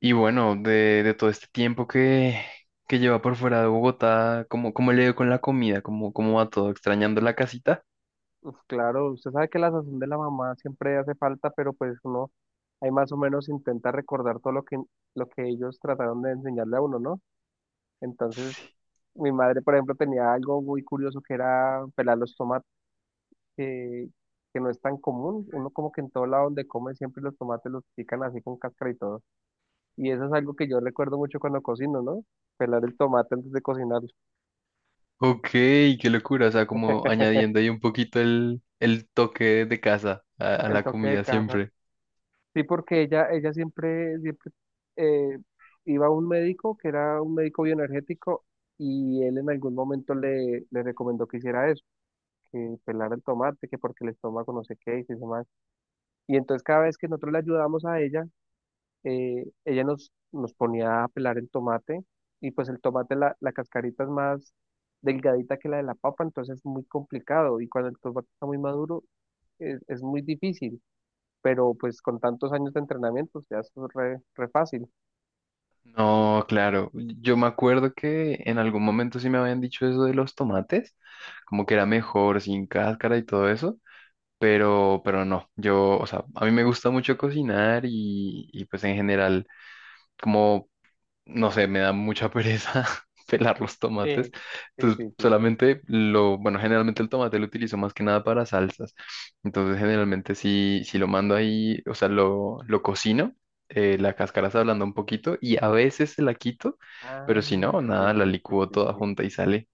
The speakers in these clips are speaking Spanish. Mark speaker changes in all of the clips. Speaker 1: Y bueno, de todo este tiempo que lleva por fuera de Bogotá, cómo le dio con la comida? Cómo va todo? ¿Extrañando la casita?
Speaker 2: Uf, claro, usted sabe que la sazón de la mamá siempre hace falta, pero pues uno ahí más o menos intenta recordar todo lo que ellos trataron de enseñarle a uno, ¿no? Entonces, mi madre, por ejemplo, tenía algo muy curioso que era pelar los tomates, que, que no es tan común. Uno como que en todo lado donde come siempre los tomates los pican así con cáscara y todo. Y eso es algo que yo recuerdo mucho cuando cocino, ¿no? Pelar el tomate antes de cocinar,
Speaker 1: Ok, qué locura. O sea, como añadiendo ahí un poquito el toque de casa a
Speaker 2: el
Speaker 1: la
Speaker 2: toque de
Speaker 1: comida
Speaker 2: casa.
Speaker 1: siempre.
Speaker 2: Sí, porque ella siempre eh, iba a un médico que era un médico bioenergético y él en algún momento le recomendó que hiciera eso, que pelara el tomate, que porque el estómago no sé qué y eso más. Y entonces cada vez que nosotros le ayudábamos a ella, ella nos ponía a pelar el tomate y pues el tomate, la cascarita es más delgadita que la de la papa, entonces es muy complicado y cuando el tomate está muy maduro es muy difícil, pero pues con tantos años de entrenamiento, ya es re fácil.
Speaker 1: No, claro. Yo me acuerdo que en algún momento sí me habían dicho eso de los tomates, como que era mejor sin cáscara y todo eso. Pero no, yo, o sea, a mí me gusta mucho cocinar y pues en general como no sé, me da mucha pereza pelar los tomates.
Speaker 2: Sí. Sí,
Speaker 1: Entonces,
Speaker 2: sí, sí, sí.
Speaker 1: solamente lo, bueno, generalmente el tomate lo utilizo más que nada para salsas. Entonces, generalmente si lo mando ahí, o sea, lo cocino, la cáscara se ablanda un poquito y a veces se la quito,
Speaker 2: Ah,
Speaker 1: pero si no, nada,
Speaker 2: sí,
Speaker 1: la
Speaker 2: sí, sí,
Speaker 1: licúo
Speaker 2: sí,
Speaker 1: toda
Speaker 2: sí.
Speaker 1: junta y sale.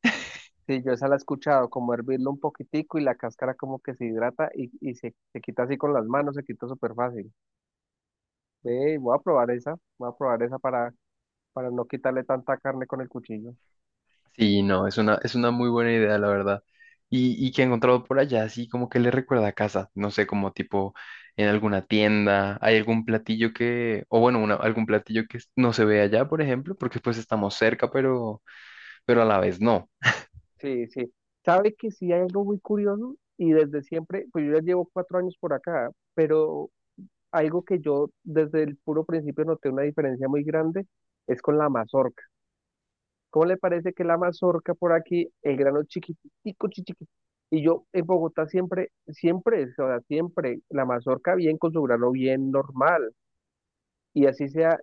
Speaker 2: Sí, yo esa la he escuchado, como hervirlo un poquitico y la cáscara como que se hidrata y se quita así con las manos, se quita súper fácil. Ve, voy a probar esa para no quitarle tanta carne con el cuchillo.
Speaker 1: Sí, no, es una muy buena idea, la verdad. Y que he encontrado por allá, así como que le recuerda a casa, no sé, como tipo en alguna tienda, hay algún platillo que, o bueno, algún platillo que no se ve allá, por ejemplo, porque pues estamos cerca, pero a la vez no.
Speaker 2: Sí, sí. ¿Sabe que sí hay algo muy curioso? Y desde siempre, pues yo ya llevo 4 años por acá, pero algo que yo desde el puro principio noté una diferencia muy grande es con la mazorca. ¿Cómo le parece que la mazorca por aquí, el grano chiquitico, chiquitico? Y yo en Bogotá siempre, siempre, o sea, siempre, la mazorca bien con su grano bien normal. Y así sea,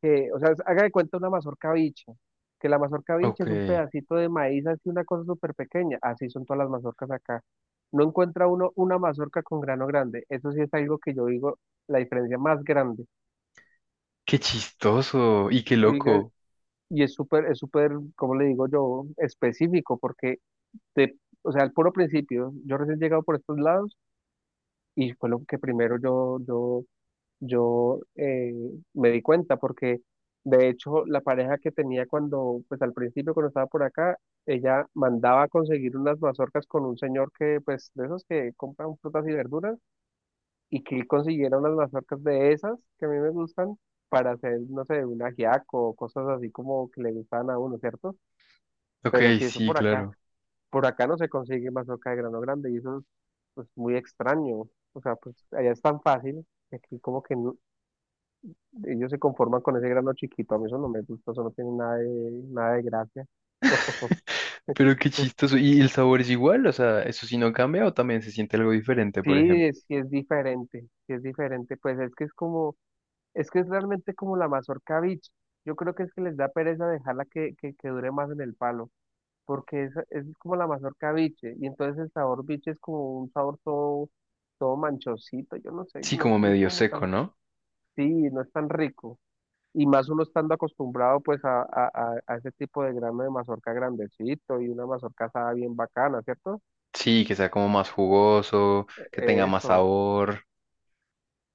Speaker 2: que, o sea, haga de cuenta una mazorca bicha, que la mazorca bicha
Speaker 1: Ok,
Speaker 2: es un pedacito de maíz, así una cosa súper pequeña. Así son todas las mazorcas acá. No encuentra uno una mazorca con grano grande. Eso sí es algo que yo digo, la diferencia más grande.
Speaker 1: qué chistoso y qué
Speaker 2: Oiga,
Speaker 1: loco.
Speaker 2: y es súper, ¿cómo le digo yo? Específico, porque, te, o sea, al puro principio, yo recién llegado por estos lados y fue lo que primero yo me di cuenta, porque de hecho la pareja que tenía cuando, pues al principio cuando estaba por acá, ella mandaba a conseguir unas mazorcas con un señor que, pues, de esos que compran frutas y verduras y que consiguiera unas mazorcas de esas que a mí me gustan para hacer, no sé, un ajiaco o cosas así como que le gustan a uno, ¿cierto?
Speaker 1: Ok,
Speaker 2: Pero si eso
Speaker 1: sí,
Speaker 2: por acá,
Speaker 1: claro.
Speaker 2: por acá no se consigue mazorca de grano grande y eso es, pues, muy extraño. O sea, pues allá es tan fácil, que aquí como que ellos se conforman con ese grano chiquito, a mí eso no me gusta, eso no tiene nada de gracia.
Speaker 1: Pero qué chistoso. ¿Y el sabor es igual? O sea, ¿eso sí no cambia o también se siente algo diferente, por
Speaker 2: Sí,
Speaker 1: ejemplo?
Speaker 2: sí es diferente, pues es que es como... Es que es realmente como la mazorca biche. Yo creo que es que les da pereza dejarla que dure más en el palo, porque es como la mazorca biche, y entonces el sabor biche es como un sabor todo manchosito, yo no sé,
Speaker 1: Sí,
Speaker 2: no,
Speaker 1: como
Speaker 2: no es
Speaker 1: medio
Speaker 2: como
Speaker 1: seco,
Speaker 2: tan,
Speaker 1: ¿no?
Speaker 2: sí, no es tan rico. Y más uno estando acostumbrado pues a ese tipo de grano de mazorca grandecito y una mazorca asada bien bacana, ¿cierto?
Speaker 1: Sí, que sea como más jugoso, que tenga más
Speaker 2: Eso,
Speaker 1: sabor.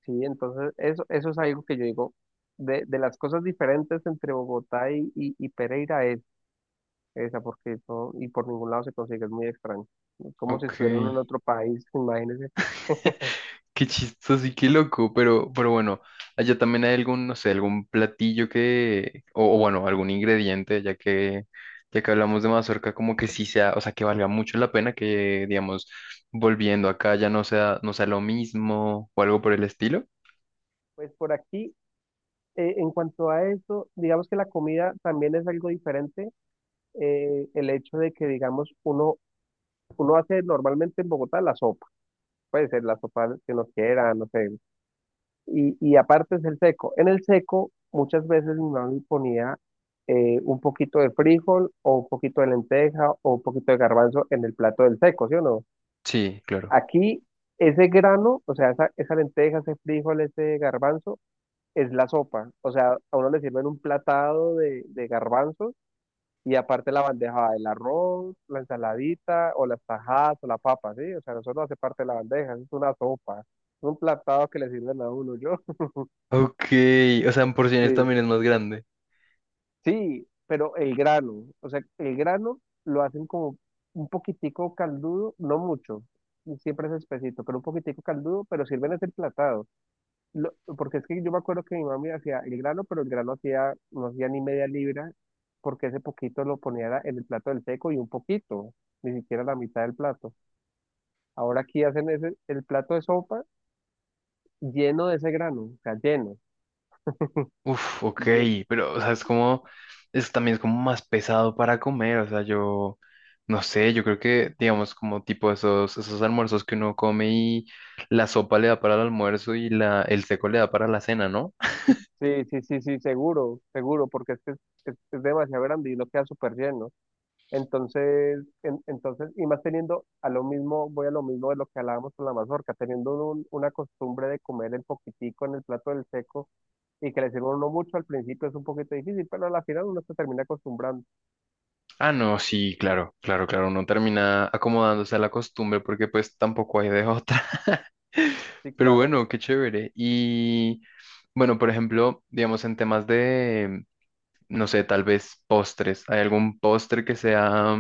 Speaker 2: sí, entonces eso es algo que yo digo, de las cosas diferentes entre Bogotá y Pereira. Esa, porque todo, y por ningún lado se consigue, es muy extraño. Es como si
Speaker 1: Ok.
Speaker 2: estuviera uno en otro país, imagínense.
Speaker 1: Qué chistoso y qué loco, pero bueno, allá también hay algún, no sé, algún platillo que, o bueno, algún ingrediente, ya que hablamos de mazorca, como que sí sea, o sea, que valga mucho la pena que, digamos, volviendo acá ya no sea, no sea lo mismo o algo por el estilo.
Speaker 2: Pues por aquí, en cuanto a eso, digamos que la comida también es algo diferente. El hecho de que, digamos, uno hace normalmente en Bogotá la sopa, puede ser la sopa que uno quiera, no sé. Y aparte es el seco. En el seco, muchas veces mi mamá ponía un poquito de frijol, o un poquito de lenteja, o un poquito de garbanzo en el plato del seco, ¿sí o no?
Speaker 1: Sí, claro.
Speaker 2: Aquí ese grano, o sea, esa lenteja, ese frijol, ese garbanzo, es la sopa. O sea, a uno le sirven un platado de garbanzos y aparte la bandeja, el arroz, la ensaladita o las tajadas o la papa, ¿sí? O sea, eso no hace parte de la bandeja, eso es una sopa. Es un platado que le sirven a uno, yo.
Speaker 1: Ok, o sea, en porciones
Speaker 2: Sí,
Speaker 1: también es más grande.
Speaker 2: sí, pero el grano, o sea, el grano lo hacen como un poquitico caldudo, no mucho, siempre es espesito, pero un poquitico caldudo, pero sirven ese platado. Porque es que yo me acuerdo que mi mami hacía el grano, pero el grano hacía, no hacía ni media libra, porque ese poquito lo ponía era en el plato del seco y un poquito, ni siquiera la mitad del plato. Ahora aquí hacen ese, el plato de sopa lleno de ese grano, o sea, lleno.
Speaker 1: Uf, ok,
Speaker 2: Lle-
Speaker 1: pero, o sea, es como, es también es como más pesado para comer, o sea, yo, no sé, yo creo que, digamos, como tipo esos, esos almuerzos que uno come y la sopa le da para el almuerzo y la, el seco le da para la cena, ¿no?
Speaker 2: Sí, sí, sí, sí, seguro, seguro, porque es que es demasiado grande y uno queda súper lleno. Entonces, entonces, y más teniendo a lo mismo, voy a lo mismo de lo que hablábamos con la mazorca, teniendo uno una costumbre de comer el poquitico en el plato del seco y que le sirva a uno mucho, al principio es un poquito difícil, pero a la final uno se termina acostumbrando.
Speaker 1: Ah, no, sí, claro, claro, claro, uno termina acomodándose a la costumbre porque pues tampoco hay de otra.
Speaker 2: Sí,
Speaker 1: Pero
Speaker 2: claro.
Speaker 1: bueno, qué chévere. Y bueno, por ejemplo, digamos en temas de, no sé, tal vez postres. ¿Hay algún postre que sea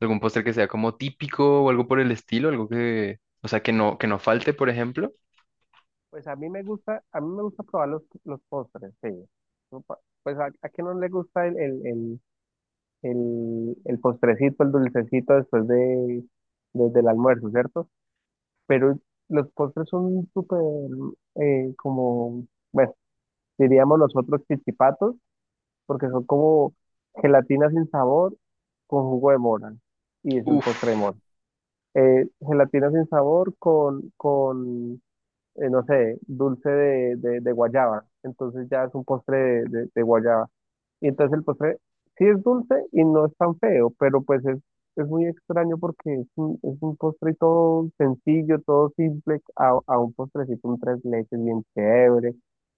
Speaker 1: algún postre que sea como típico o algo por el estilo, algo que, o sea, que no falte, por ejemplo?
Speaker 2: Pues a mí me gusta probar los postres, sí. No pa- Pues a quién no le gusta el postrecito, el dulcecito después del almuerzo, ¿cierto? Pero los postres son súper, como, bueno, diríamos nosotros chichipatos, porque son como gelatina sin sabor con jugo de mora. Y es un postre de
Speaker 1: Uf,
Speaker 2: mora. Gelatina sin sabor con no sé, dulce de guayaba. Entonces ya es un postre de guayaba. Y entonces el postre sí es dulce y no es tan feo, pero pues es muy extraño porque es un postre todo sencillo, todo simple, a un postrecito, un tres leches bien chévere,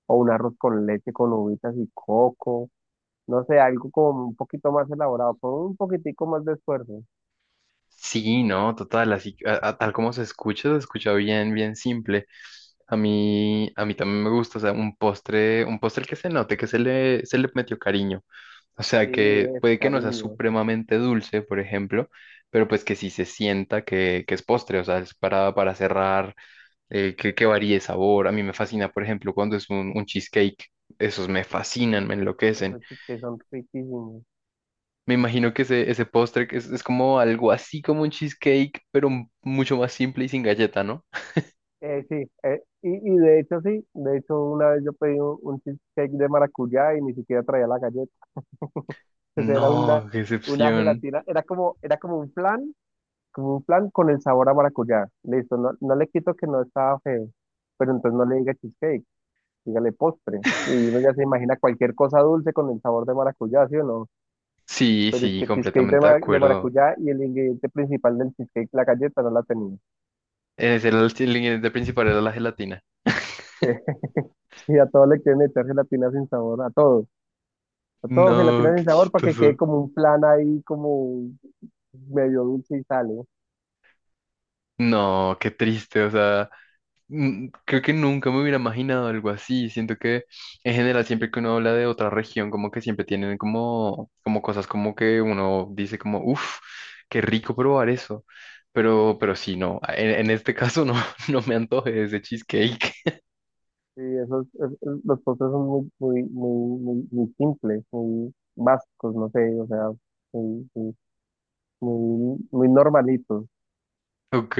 Speaker 2: o un arroz con leche con uvitas y coco. No sé, algo como un poquito más elaborado, con un poquitico más de esfuerzo.
Speaker 1: sí, no, total, así, tal como se escucha bien, bien simple. A mí también me gusta, o sea, un postre que se note, que se le metió cariño. O
Speaker 2: Sí,
Speaker 1: sea, que
Speaker 2: es
Speaker 1: puede que no sea
Speaker 2: cariño.
Speaker 1: supremamente dulce, por ejemplo, pero pues que sí se sienta que es postre, o sea, es para cerrar. Que varíe sabor. A mí me fascina, por ejemplo, cuando es un cheesecake. Esos me fascinan, me enloquecen.
Speaker 2: Esos chisques son riquísimos.
Speaker 1: Me imagino que ese postre que es como algo así como un cheesecake, pero mucho más simple y sin galleta, ¿no?
Speaker 2: Sí, y de hecho sí, de hecho una vez yo pedí un cheesecake de maracuyá y ni siquiera traía la galleta. Entonces era una,
Speaker 1: No, qué
Speaker 2: una
Speaker 1: excepción.
Speaker 2: gelatina, era como un flan, como un flan con el sabor a maracuyá. Listo, no, no le quito que no estaba feo, pero entonces no le diga cheesecake, dígale postre. Y uno ya se imagina cualquier cosa dulce con el sabor de maracuyá, ¿sí o no?
Speaker 1: Sí,
Speaker 2: Pero es
Speaker 1: sí,
Speaker 2: que cheesecake de,
Speaker 1: completamente de
Speaker 2: ma- de
Speaker 1: acuerdo.
Speaker 2: maracuyá y el ingrediente principal del cheesecake, la galleta, no la tenía.
Speaker 1: Es el ingrediente principal era la gelatina.
Speaker 2: Sí, a todos le quieren meter gelatina sin sabor, a todos. A
Speaker 1: No,
Speaker 2: todos gelatina
Speaker 1: qué
Speaker 2: sin sabor para que
Speaker 1: chistoso.
Speaker 2: quede como un plan ahí, como medio dulce y sale.
Speaker 1: No, qué triste, o sea. Mm, creo que nunca me hubiera imaginado algo así. Siento que en general siempre que uno habla de otra región, como que siempre tienen como, como cosas como que uno dice como, uff, qué rico probar eso. Pero sí, no, en este caso no, no me antoje ese cheesecake.
Speaker 2: Sí, los postres son muy, muy, muy, muy, muy simples, muy básicos, no sé, o sea, muy, muy, muy, muy normalitos.
Speaker 1: Ok,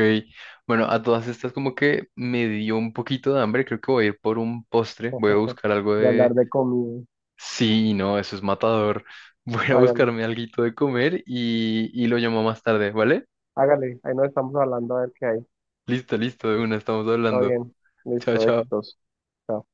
Speaker 1: bueno, a todas estas como que me dio un poquito de hambre. Creo que voy a ir por un postre. Voy a buscar algo
Speaker 2: De
Speaker 1: de...
Speaker 2: hablar de comida.
Speaker 1: Sí, no, eso es matador. Voy a
Speaker 2: Hágale,
Speaker 1: buscarme alguito de comer y lo llamo más tarde, ¿vale?
Speaker 2: hágale, ahí nos estamos hablando a ver qué hay.
Speaker 1: Listo, listo, de una, estamos
Speaker 2: Está
Speaker 1: hablando.
Speaker 2: bien,
Speaker 1: Chao,
Speaker 2: listo,
Speaker 1: chao.
Speaker 2: éxitos. Chao.